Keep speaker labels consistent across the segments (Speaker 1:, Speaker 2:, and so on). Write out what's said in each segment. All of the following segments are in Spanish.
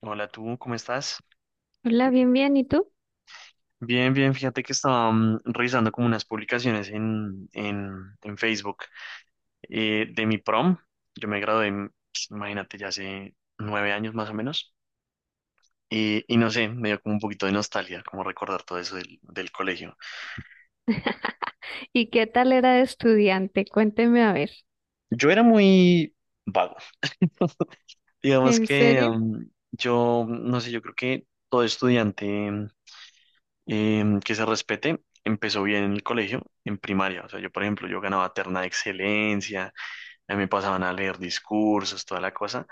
Speaker 1: Hola, tú, ¿cómo estás?
Speaker 2: Hola, bien, bien. ¿Y tú?
Speaker 1: Bien, bien, fíjate que estaba revisando como unas publicaciones en Facebook, de mi prom. Yo me gradué, pues, imagínate, ya hace 9 años más o menos. Y no sé, me dio como un poquito de nostalgia, como recordar todo eso del colegio.
Speaker 2: ¿Y qué tal era de estudiante? Cuénteme a ver.
Speaker 1: Yo era muy vago. Digamos
Speaker 2: ¿En
Speaker 1: que
Speaker 2: serio?
Speaker 1: no sé, yo creo que todo estudiante mm, que se respete empezó bien en el colegio, en primaria. O sea, yo, por ejemplo, yo ganaba terna de excelencia. A mí me pasaban a leer discursos, toda la cosa.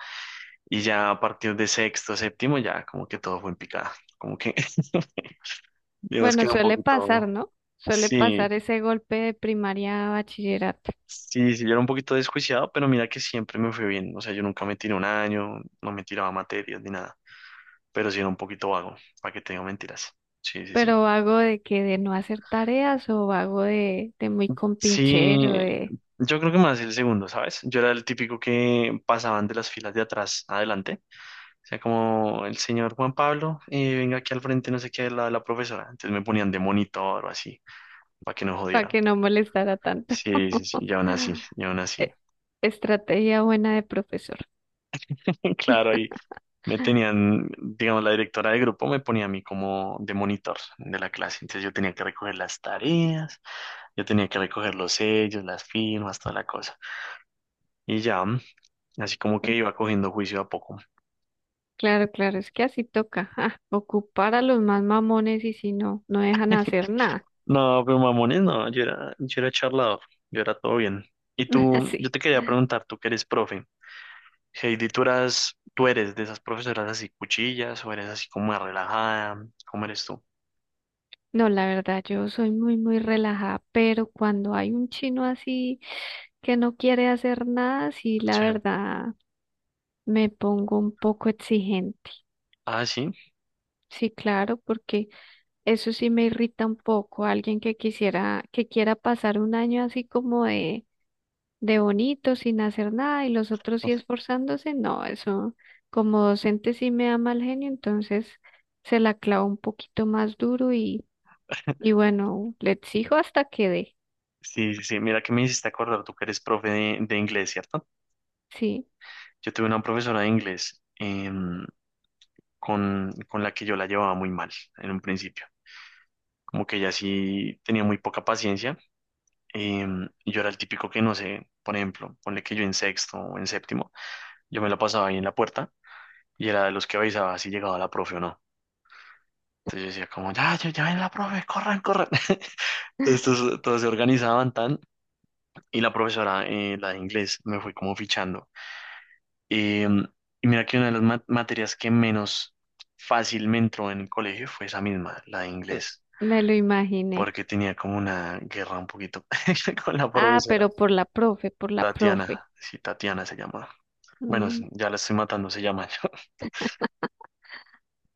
Speaker 1: Y ya a partir de sexto, séptimo, ya como que todo fue en picada. Como que, digamos que
Speaker 2: Bueno,
Speaker 1: era un
Speaker 2: suele pasar,
Speaker 1: poquito.
Speaker 2: ¿no? Suele
Speaker 1: Sí,
Speaker 2: pasar ese golpe de primaria a bachillerato.
Speaker 1: sí, sí, yo era un poquito desjuiciado, pero mira que siempre me fue bien. O sea, yo nunca me tiré un año, no me tiraba materias ni nada. Pero sí era un poquito vago, para que te digo mentiras. Sí, sí, sí.
Speaker 2: Pero vago de que de no hacer tareas o vago de muy
Speaker 1: Sí,
Speaker 2: compinchero, de
Speaker 1: yo creo que más el segundo, ¿sabes? Yo era el típico que pasaban de las filas de atrás adelante, sea, como el señor Juan Pablo, venga aquí al frente, no sé qué, al lado de la profesora. Entonces me ponían de monitor o así, para que no
Speaker 2: para
Speaker 1: jodieran.
Speaker 2: que no molestara tanto.
Speaker 1: Sí, sí, sí, y aún así, y aún así.
Speaker 2: E- Estrategia buena de profesor.
Speaker 1: Claro, ahí me tenían, digamos, la directora de grupo me ponía a mí como de monitor de la clase. Entonces yo tenía que recoger las tareas, yo tenía que recoger los sellos, las firmas, toda la cosa. Y ya, así como que
Speaker 2: Bueno,
Speaker 1: iba cogiendo juicio a poco.
Speaker 2: claro, claro, es que así toca. Ah, ocupar a los más mamones y si no, no dejan hacer nada.
Speaker 1: No, pero mamones, no, yo era charlador, yo era todo bien. Y tú, yo
Speaker 2: Así.
Speaker 1: te quería preguntar, tú que eres profe. Heidi, tú eras, tú eres de esas profesoras así cuchillas o eres así como más relajada, ¿cómo eres tú?
Speaker 2: No, la verdad, yo soy muy relajada, pero cuando hay un chino así que no quiere hacer nada, sí, la
Speaker 1: Sí.
Speaker 2: verdad, me pongo un poco exigente.
Speaker 1: Ah, sí.
Speaker 2: Sí, claro, porque eso sí me irrita un poco. Alguien que que quiera pasar un año así como de bonito, sin hacer nada, y los otros sí esforzándose, no, eso como docente sí me da mal genio, entonces se la clavo un poquito más duro y bueno, le exijo hasta que dé,
Speaker 1: Sí, sí, sí. Mira que me hiciste acordar, tú que eres profe de inglés, ¿cierto?
Speaker 2: sí.
Speaker 1: Yo tuve una profesora de inglés, con la que yo la llevaba muy mal en un principio. Como que ella sí tenía muy poca paciencia. Y yo era el típico que no sé, por ejemplo, ponle que yo en sexto o en séptimo, yo me la pasaba ahí en la puerta y era de los que avisaba si llegaba la profe o no. Entonces yo decía como, ya, ya, ya ven la profe, corran, corran. Estos todos se organizaban tan, y la profesora, la de inglés, me fue como fichando. Eh, y mira que una de las materias que menos fácil me entró en el colegio fue esa misma, la de
Speaker 2: Eh,
Speaker 1: inglés,
Speaker 2: Me lo imaginé.
Speaker 1: porque tenía como una guerra un poquito con la
Speaker 2: Ah, pero
Speaker 1: profesora,
Speaker 2: por la profe, por la profe.
Speaker 1: Tatiana, sí, Tatiana se llama. Bueno,
Speaker 2: Mm,
Speaker 1: ya la estoy matando, se llama.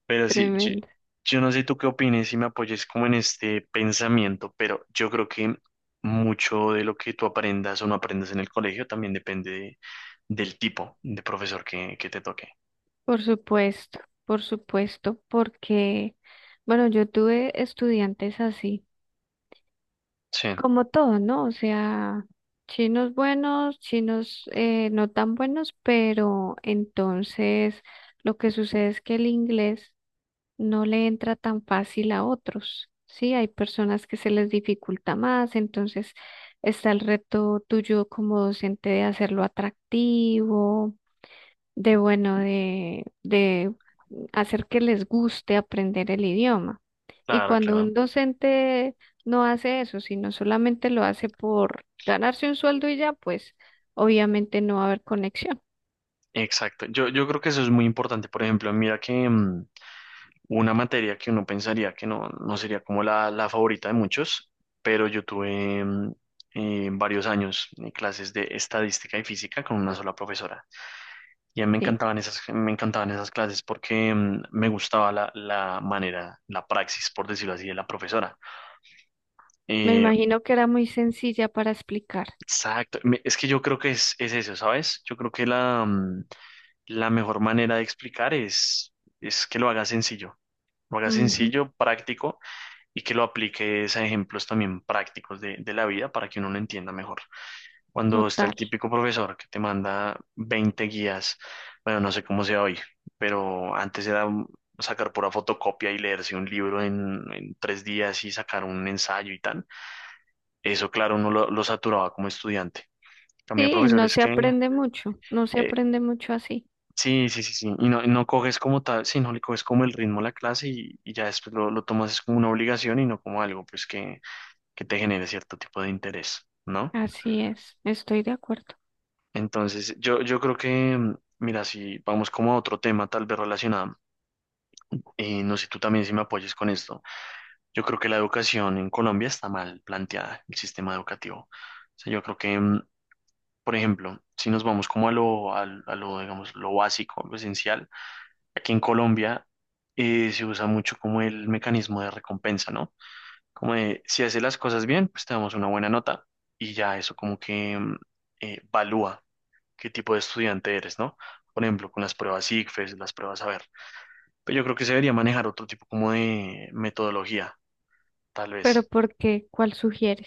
Speaker 1: Pero sí, yo,
Speaker 2: tremendo.
Speaker 1: yo no sé tú qué opines y me apoyes como en este pensamiento, pero yo creo que mucho de lo que tú aprendas o no aprendas en el colegio también depende del tipo de profesor que te toque.
Speaker 2: Por supuesto, por supuesto, porque, bueno, yo tuve estudiantes así,
Speaker 1: Sí,
Speaker 2: como todo, ¿no? O sea, chinos buenos, chinos no tan buenos, pero entonces lo que sucede es que el inglés no le entra tan fácil a otros, ¿sí? Hay personas que se les dificulta más, entonces está el reto tuyo como docente de hacerlo atractivo, de bueno, de hacer que les guste aprender el idioma. Y
Speaker 1: claro,
Speaker 2: cuando
Speaker 1: claro.
Speaker 2: un docente no hace eso, sino solamente lo hace por ganarse un sueldo y ya, pues obviamente no va a haber conexión,
Speaker 1: Exacto. Yo creo que eso es muy importante. Por ejemplo, mira que una materia que uno pensaría que no, no sería como la favorita de muchos, pero yo tuve varios años, clases de estadística y física con una sola profesora. Y a mí
Speaker 2: ¿sí?
Speaker 1: me encantaban esas clases porque me gustaba la manera, la praxis, por decirlo así, de la profesora.
Speaker 2: Me
Speaker 1: Eh,
Speaker 2: imagino que era muy sencilla para explicar.
Speaker 1: exacto. Es que yo creo que es eso, ¿sabes? Yo creo que la mejor manera de explicar es que lo hagas
Speaker 2: Ujú,
Speaker 1: sencillo, práctico y que lo apliques a ejemplos también prácticos de la vida para que uno lo entienda mejor. Cuando está
Speaker 2: total.
Speaker 1: el típico profesor que te manda 20 guías, bueno, no sé cómo sea hoy, pero antes era sacar pura fotocopia y leerse un libro en 3 días y sacar un ensayo y tal. Eso, claro, uno lo saturaba como estudiante. También
Speaker 2: Sí, no
Speaker 1: profesores
Speaker 2: se
Speaker 1: que,
Speaker 2: aprende mucho, no se
Speaker 1: eh,
Speaker 2: aprende mucho así.
Speaker 1: sí, sí, sí, sí, y no, no coges como tal, sí, no le coges como el ritmo a la clase y ya después lo tomas es como una obligación y no como algo, pues, que te genere cierto tipo de interés, ¿no?
Speaker 2: Así es, estoy de acuerdo.
Speaker 1: Entonces, yo creo que, mira, si vamos como a otro tema tal vez relacionado, no sé tú también si me apoyes con esto, yo creo que la educación en Colombia está mal planteada, el sistema educativo. O sea, yo creo que, por ejemplo, si nos vamos como a lo, a, lo, digamos, lo básico, lo esencial, aquí en Colombia, se usa mucho como el mecanismo de recompensa, ¿no? Como de, si haces las cosas bien, pues te damos una buena nota y ya eso como que valúa qué tipo de estudiante eres, ¿no? Por ejemplo, con las pruebas ICFES, las pruebas a ver. Pero yo creo que se debería manejar otro tipo como de metodología, tal
Speaker 2: Pero
Speaker 1: vez.
Speaker 2: ¿por qué? ¿Cuál sugieres?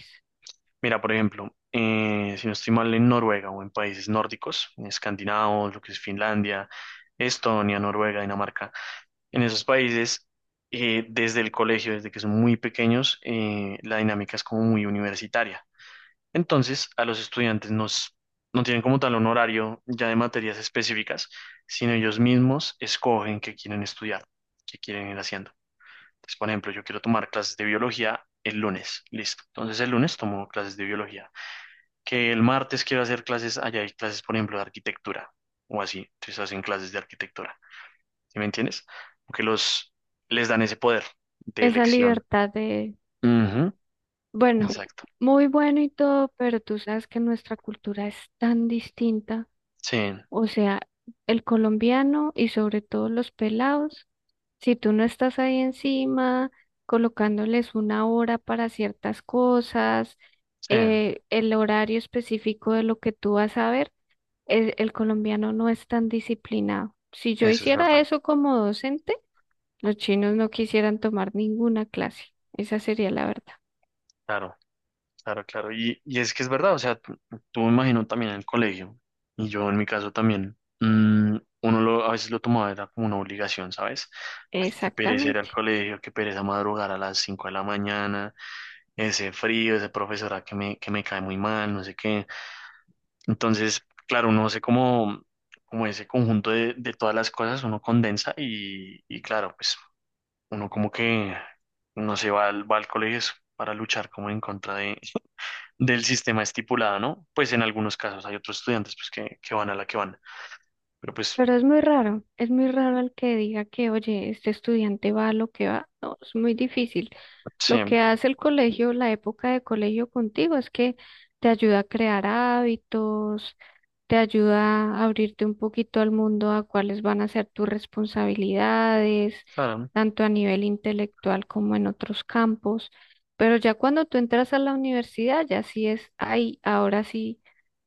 Speaker 1: Mira, por ejemplo, si no estoy mal en Noruega o en países nórdicos, en escandinavos, lo que es Finlandia, Estonia, Noruega, Dinamarca, en esos países, desde el colegio, desde que son muy pequeños, la dinámica es como muy universitaria. Entonces, a los estudiantes nos, no tienen como tal un horario ya de materias específicas, sino ellos mismos escogen qué quieren estudiar, qué quieren ir haciendo. Entonces, por ejemplo, yo quiero tomar clases de biología el lunes, listo. Entonces, el lunes tomo clases de biología. Que el martes quiero hacer clases, allá hay clases, por ejemplo, de arquitectura o así. Entonces, hacen clases de arquitectura. ¿Sí me entiendes? Porque les dan ese poder de
Speaker 2: Esa
Speaker 1: elección.
Speaker 2: libertad de,
Speaker 1: Ujú,
Speaker 2: bueno,
Speaker 1: exacto.
Speaker 2: muy bueno y todo, pero tú sabes que nuestra cultura es tan distinta.
Speaker 1: Sí,
Speaker 2: O sea, el colombiano y sobre todo los pelados, si tú no estás ahí encima, colocándoles una hora para ciertas cosas,
Speaker 1: sí,
Speaker 2: el horario específico de lo que tú vas a ver el colombiano no es tan disciplinado. Si yo
Speaker 1: eso es
Speaker 2: hiciera
Speaker 1: verdad.
Speaker 2: eso como docente, los chinos no quisieran tomar ninguna clase. Esa sería la verdad.
Speaker 1: Claro. Claro, claro. Y es que es verdad, o sea, tú me imagino también en el colegio, y yo en mi caso también, uno lo, a veces lo tomaba era como una obligación, ¿sabes? Ay, qué pereza ir al
Speaker 2: Exactamente.
Speaker 1: colegio, qué pereza madrugar a las 5 de la mañana, ese frío, ese profesora que me cae muy mal, no sé qué. Entonces, claro, uno hace como, como ese conjunto de todas las cosas, uno condensa y claro, pues uno como que no se va al colegio es para luchar como en contra del sistema estipulado, ¿no? Pues en algunos casos hay otros estudiantes pues que van a la que van, pero pues
Speaker 2: Pero es muy raro el que diga que, oye, este estudiante va a lo que va. No, es muy difícil.
Speaker 1: sí,
Speaker 2: Lo que hace el colegio, la época de colegio contigo, es que te ayuda a crear hábitos, te ayuda a abrirte un poquito al mundo a cuáles van a ser tus responsabilidades,
Speaker 1: claro,
Speaker 2: tanto a nivel intelectual como en otros campos. Pero ya cuando tú entras a la universidad, ya sí es, ay, ahora sí,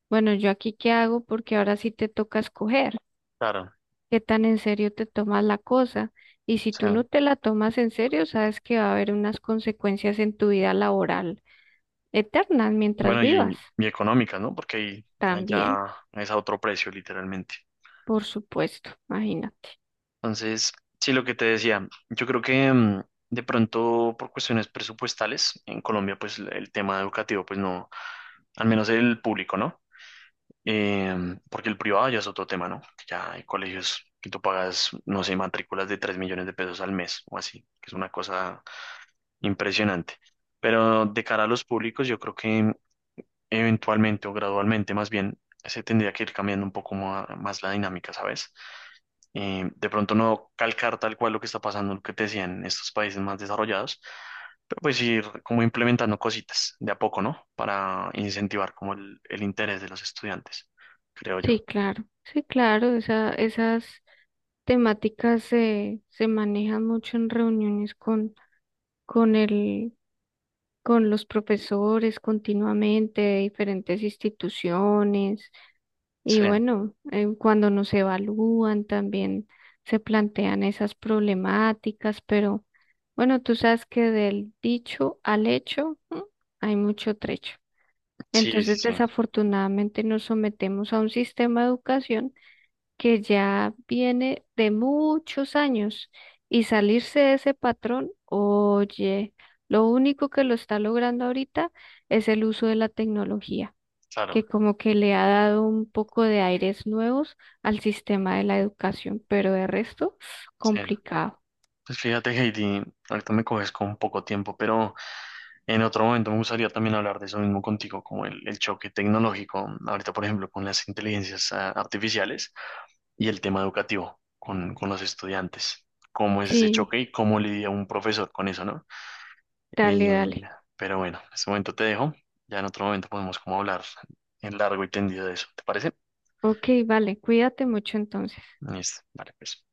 Speaker 2: bueno, ¿yo aquí qué hago? Porque ahora sí te toca escoger
Speaker 1: claro,
Speaker 2: qué tan en serio te tomas la cosa. Y si
Speaker 1: sí,
Speaker 2: tú no te la tomas en serio, sabes que va a haber unas consecuencias en tu vida laboral eternas mientras
Speaker 1: bueno,
Speaker 2: vivas.
Speaker 1: y económicas, ¿no? Porque ahí
Speaker 2: También,
Speaker 1: allá es a otro precio, literalmente.
Speaker 2: por supuesto, imagínate.
Speaker 1: Entonces, sí, lo que te decía, yo creo que de pronto por cuestiones presupuestales, en Colombia pues el tema educativo pues no, al menos el público, ¿no? Em, porque el privado ya es otro tema, ¿no? Que ya hay colegios que tú pagas, no sé, matrículas de 3 millones de pesos al mes o así, que es una cosa impresionante. Pero de cara a los públicos, yo creo que eventualmente o gradualmente más bien se tendría que ir cambiando un poco más, la dinámica, ¿sabes? Em, de pronto no calcar tal cual lo que está pasando, lo que te decían en estos países más desarrollados, pero pues ir como implementando cositas de a poco, ¿no? Para incentivar como el interés de los estudiantes, creo yo.
Speaker 2: Sí, claro, sí, claro, esa, esas temáticas se manejan mucho en reuniones con el, con los profesores continuamente de diferentes instituciones. Y
Speaker 1: Sí,
Speaker 2: bueno, cuando nos evalúan también se plantean esas problemáticas, pero bueno, tú sabes que del dicho al hecho, ¿m? Hay mucho trecho.
Speaker 1: sí, sí,
Speaker 2: Entonces,
Speaker 1: sí,
Speaker 2: desafortunadamente nos sometemos a un sistema de educación que ya viene de muchos años y salirse de ese patrón, oye, lo único que lo está logrando ahorita es el uso de la tecnología que
Speaker 1: claro,
Speaker 2: como que le ha dado un poco de aires nuevos al sistema de la educación, pero de resto,
Speaker 1: sí.
Speaker 2: complicado.
Speaker 1: Pues fíjate, Heidi, ahorita me coges con poco tiempo, pero en otro momento me gustaría también hablar de eso mismo contigo, como el choque tecnológico, ahorita por ejemplo con las inteligencias artificiales y el tema educativo con los estudiantes, cómo es ese
Speaker 2: Sí,
Speaker 1: choque y cómo lidia un profesor con eso, ¿no?
Speaker 2: dale,
Speaker 1: Y-
Speaker 2: dale.
Speaker 1: pero bueno, en este momento te dejo, ya en otro momento podemos como hablar en largo y tendido de eso, ¿te parece?
Speaker 2: Ok, vale, cuídate mucho entonces.
Speaker 1: Listo, vale, pues.